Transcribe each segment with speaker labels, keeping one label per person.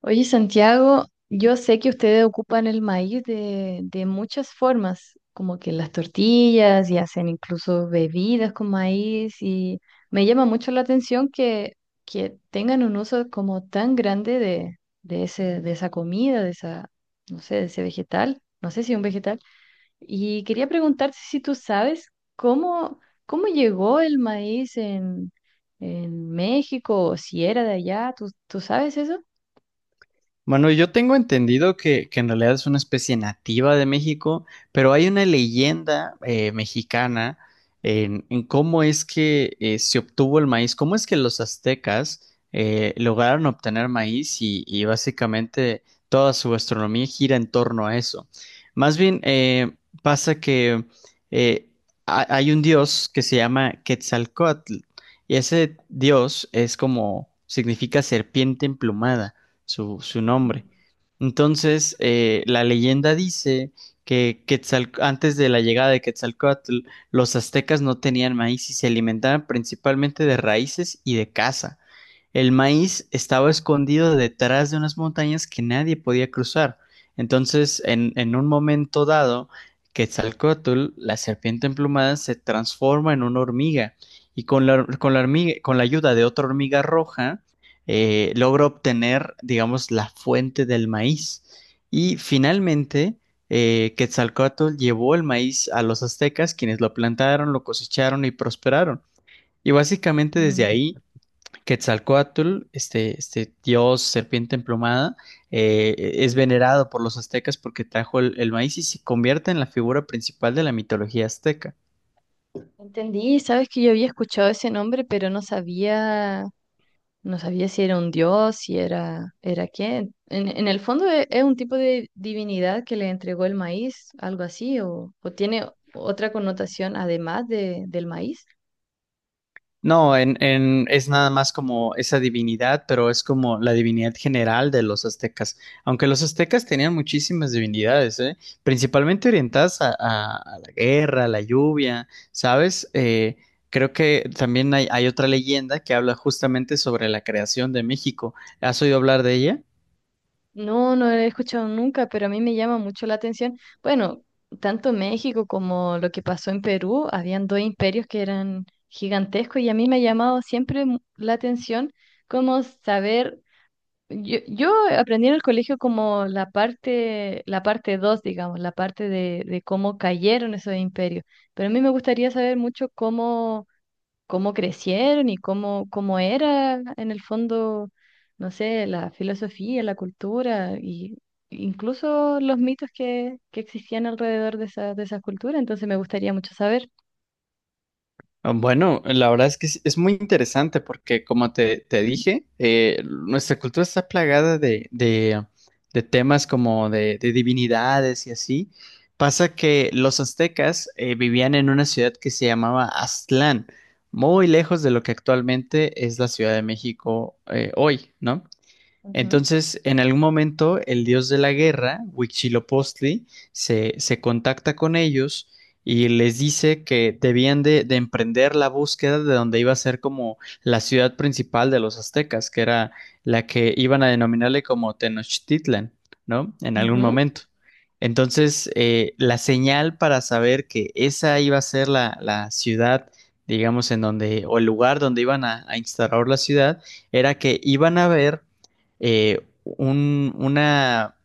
Speaker 1: Oye, Santiago, yo sé que ustedes ocupan el maíz de muchas formas, como que las tortillas y hacen incluso bebidas con maíz y me llama mucho la atención que tengan un uso como tan grande de ese, de esa comida, de esa, no sé, de ese vegetal, no sé si es un vegetal. Y quería preguntarte si tú sabes cómo, cómo llegó el maíz en México o si era de allá, tú sabes eso?
Speaker 2: Mano, yo tengo entendido que en realidad es una especie nativa de México, pero hay una leyenda mexicana en cómo es que se obtuvo el maíz, cómo es que los aztecas lograron obtener maíz y básicamente toda su gastronomía gira en torno a eso. Más bien, pasa que eh, hay un dios que se llama Quetzalcóatl y ese dios es como, significa serpiente emplumada su nombre. Entonces, la leyenda dice que antes de la llegada de Quetzalcóatl, los aztecas no tenían maíz y se alimentaban principalmente de raíces y de caza. El maíz estaba escondido detrás de unas montañas que nadie podía cruzar. Entonces, en un momento dado, Quetzalcóatl, la serpiente emplumada, se transforma en una hormiga y con la hormiga, con la ayuda de otra hormiga roja, logra obtener, digamos, la fuente del maíz. Y finalmente, Quetzalcóatl llevó el maíz a los aztecas, quienes lo plantaron, lo cosecharon y prosperaron. Y básicamente desde
Speaker 1: Mm.
Speaker 2: ahí Quetzalcóatl, este dios serpiente emplumada, es venerado por los aztecas porque trajo el maíz y se convierte en la figura principal de la mitología azteca.
Speaker 1: Entendí, sabes que yo había escuchado ese nombre, pero no no sabía si era un dios, si era, era quién. En el fondo es un tipo de divinidad que le entregó el maíz, algo así, o tiene otra connotación además del maíz.
Speaker 2: No, es nada más como esa divinidad, pero es como la divinidad general de los aztecas. Aunque los aztecas tenían muchísimas divinidades, ¿eh? Principalmente orientadas a la guerra, a la lluvia, ¿sabes? Creo que también hay otra leyenda que habla justamente sobre la creación de México. ¿Has oído hablar de ella?
Speaker 1: No, no lo he escuchado nunca, pero a mí me llama mucho la atención. Bueno, tanto México como lo que pasó en Perú, habían dos imperios que eran gigantescos y a mí me ha llamado siempre la atención cómo saber. Yo aprendí en el colegio como la la parte 2 digamos, la parte de cómo cayeron esos imperios. Pero a mí me gustaría saber mucho cómo crecieron y cómo era en el fondo, no sé, la filosofía, la cultura y incluso los mitos que existían alrededor de esa, de esas culturas. Entonces me gustaría mucho saber.
Speaker 2: Ah, bueno, la verdad es que es muy interesante porque, como te dije, nuestra cultura está plagada de temas como de divinidades y así. Pasa que los aztecas vivían en una ciudad que se llamaba Aztlán, muy lejos de lo que actualmente es la Ciudad de México hoy, ¿no? Entonces, en algún momento, el dios de la guerra, Huitzilopochtli, se contacta con ellos y les dice que debían de emprender la búsqueda de donde iba a ser como la ciudad principal de los aztecas, que era la que iban a denominarle como Tenochtitlan, ¿no? En algún
Speaker 1: Ujú.
Speaker 2: momento. Entonces, la señal para saber que esa iba a ser la ciudad, digamos, en donde, o el lugar donde iban a instaurar la ciudad, era que iban a ver eh, un, una,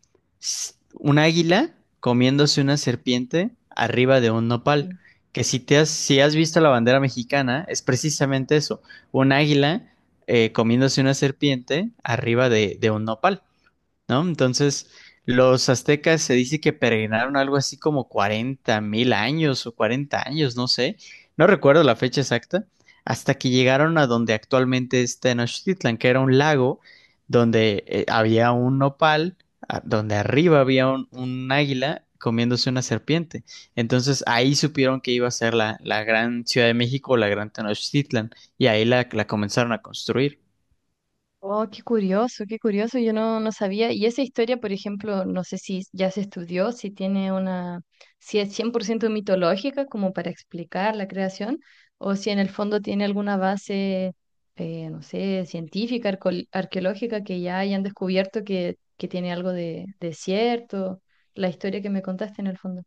Speaker 2: un águila comiéndose una serpiente arriba de un nopal.
Speaker 1: Sí.
Speaker 2: Que si te has, si has visto la bandera mexicana, es precisamente eso, un águila comiéndose una serpiente arriba de un nopal, ¿no? Entonces, los aztecas se dice que peregrinaron algo así como 40 mil años o 40 años, no sé, no recuerdo la fecha exacta, hasta que llegaron a donde actualmente es Tenochtitlan, que era un lago donde había un nopal, donde arriba había un águila comiéndose una serpiente. Entonces ahí supieron que iba a ser la gran Ciudad de México o la gran Tenochtitlan y ahí la comenzaron a construir.
Speaker 1: Oh, qué curioso, yo no sabía. Y esa historia, por ejemplo, no sé si ya se estudió, si tiene una, si es 100% mitológica como para explicar la creación, o si en el fondo tiene alguna base, no sé, científica, arqueológica que ya hayan descubierto que tiene algo de cierto, la historia que me contaste en el fondo.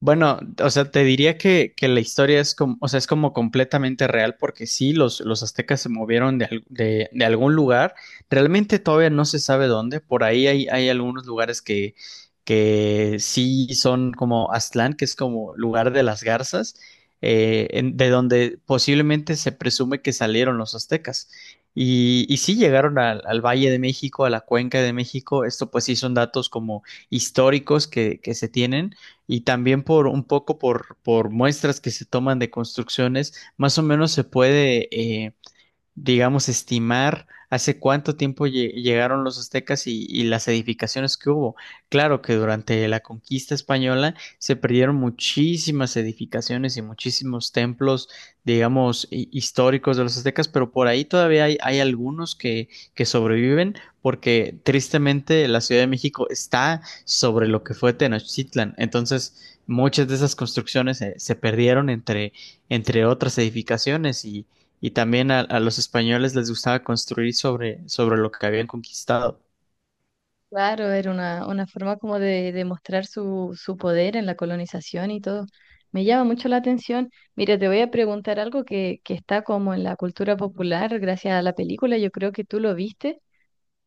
Speaker 2: Bueno, o sea, te diría que la historia es como, o sea, es como completamente real porque sí, los aztecas se movieron de algún lugar. Realmente todavía no se sabe dónde. Por ahí hay algunos lugares que sí son como Aztlán, que es como lugar de las garzas, de donde posiblemente se presume que salieron los aztecas. Y sí llegaron al Valle de México, a la Cuenca de México. Esto pues sí son datos como históricos que se tienen y también por un poco por muestras que se toman de construcciones, más o menos se puede digamos, estimar hace cuánto tiempo llegaron los aztecas y las edificaciones que hubo. Claro que durante la conquista española se perdieron muchísimas edificaciones y muchísimos templos, digamos, históricos de los aztecas, pero por ahí todavía hay algunos que sobreviven porque tristemente la Ciudad de México está sobre lo que fue Tenochtitlan. Entonces, muchas de esas construcciones se perdieron entre otras edificaciones y también a los españoles les gustaba construir sobre lo que habían conquistado.
Speaker 1: Claro, era una forma como de demostrar su poder en la colonización y todo. Me llama mucho la atención. Mira, te voy a preguntar algo que está como en la cultura popular gracias a la película. Yo creo que tú lo viste.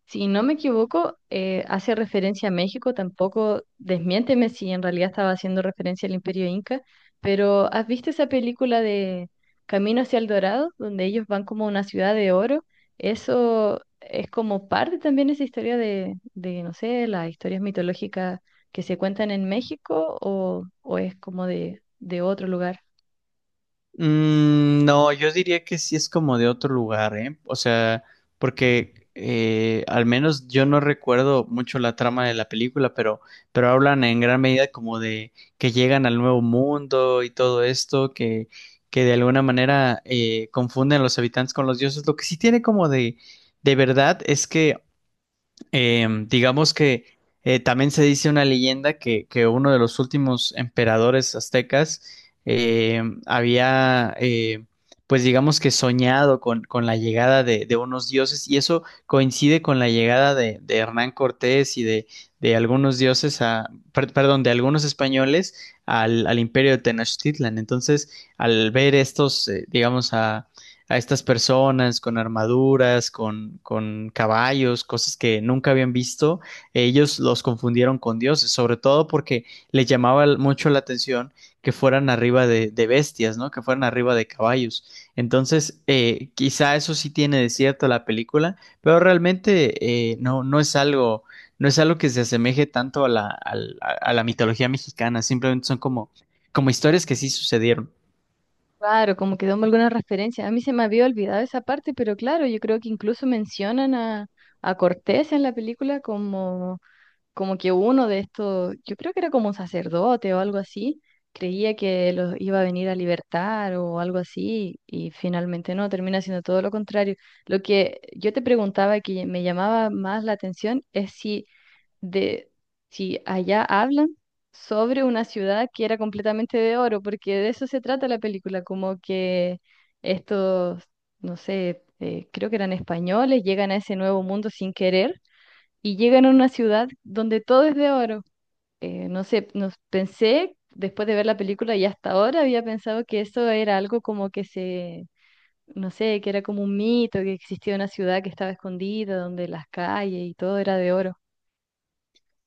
Speaker 1: Si no me equivoco, hace referencia a México, tampoco desmiénteme si en realidad estaba haciendo referencia al Imperio Inca, pero ¿has visto esa película de Camino hacia el Dorado, donde ellos van como a una ciudad de oro? Eso es como parte también de esa historia no sé, las historias mitológicas que se cuentan en México o es como de otro lugar.
Speaker 2: Mm, no, yo diría que sí es como de otro lugar, ¿eh? O sea, porque al menos yo no recuerdo mucho la trama de la película, pero hablan en gran medida como de que llegan al nuevo mundo y todo esto, que de alguna manera confunden a los habitantes con los dioses. Lo que sí tiene como de verdad es que digamos que también se dice una leyenda que uno de los últimos emperadores aztecas em, había, eh, pues digamos que soñado con la llegada de unos dioses y eso coincide con la llegada de Hernán Cortés y de algunos dioses a, perdón, de algunos españoles al imperio de Tenochtitlan. Entonces, al ver estos, digamos, a estas personas con armaduras, con caballos, cosas que nunca habían visto, ellos los confundieron con dioses, sobre todo porque les llamaba mucho la atención que fueran arriba de bestias, ¿no? Que fueran arriba de caballos. Entonces, quizá eso sí tiene de cierto la película, pero realmente no, no es algo que se asemeje tanto a a la mitología mexicana, simplemente son como historias que sí sucedieron.
Speaker 1: Claro, como que damos alguna referencia. A mí se me había olvidado esa parte, pero claro, yo creo que incluso mencionan a Cortés en la película como, como que uno de estos, yo creo que era como un sacerdote o algo así, creía que los iba a venir a libertar o algo así, y finalmente no, termina siendo todo lo contrario. Lo que yo te preguntaba que me llamaba más la atención es si de si allá hablan sobre una ciudad que era completamente de oro, porque de eso se trata la película, como que estos, no sé, creo que eran españoles, llegan a ese nuevo mundo sin querer y llegan a una ciudad donde todo es de oro. No sé, nos pensé, después de ver la película y hasta ahora había pensado que eso era algo como que se... No sé, que era como un mito, que existía una ciudad que estaba escondida, donde las calles y todo era de oro.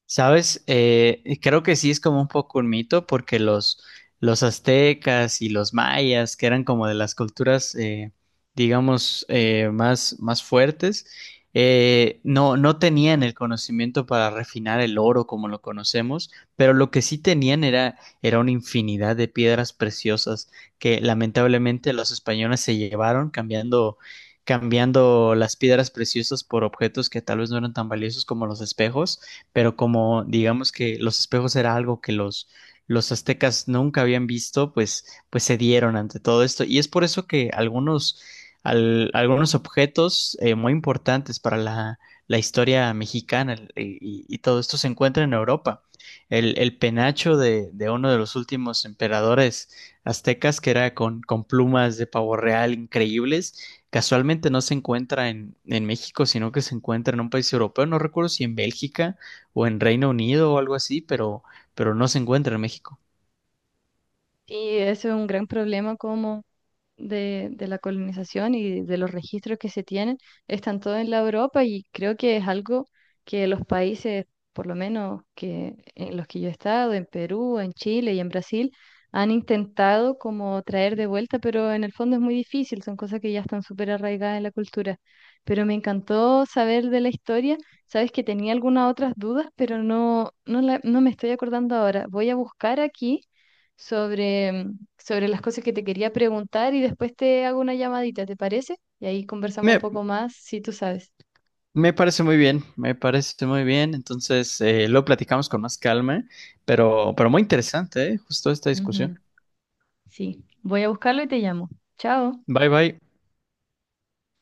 Speaker 2: ¿Sabes? Creo que sí es como un poco un mito porque los aztecas y los mayas, que eran como de las culturas, digamos, más fuertes, no, no tenían el conocimiento para refinar el oro como lo conocemos, pero lo que sí tenían era una infinidad de piedras preciosas que lamentablemente los españoles se llevaron cambiando, cambiando las piedras preciosas por objetos que tal vez no eran tan valiosos como los espejos pero como digamos que los espejos era algo que los aztecas nunca habían visto, pues, pues se dieron ante todo esto. Y es por eso que algunos, algunos objetos muy importantes para la historia mexicana y todo esto se encuentra en Europa. El penacho de uno de los últimos emperadores aztecas, que era con plumas de pavo real increíbles, casualmente no se encuentra en México, sino que se encuentra en un país europeo. No recuerdo si en Bélgica o en Reino Unido o algo así, pero no se encuentra en México.
Speaker 1: Sí, eso es un gran problema como de la colonización y de los registros que se tienen están todos en la Europa y creo que es algo que los países, por lo menos que en los que yo he estado, en Perú, en Chile y en Brasil, han intentado como traer de vuelta, pero en el fondo es muy difícil, son cosas que ya están súper arraigadas en la cultura. Pero me encantó saber de la historia. Sabes que tenía algunas otras dudas, pero no, no, no me estoy acordando ahora. Voy a buscar aquí sobre sobre las cosas que te quería preguntar y después te hago una llamadita, ¿te parece? Y ahí conversamos un
Speaker 2: Me,
Speaker 1: poco más, si tú sabes.
Speaker 2: Me parece muy bien, me parece muy bien. Entonces, lo platicamos con más calma, pero muy interesante, ¿eh? Justo esta
Speaker 1: Ujú,
Speaker 2: discusión.
Speaker 1: sí, voy a buscarlo y te llamo. Chao.
Speaker 2: Bye bye.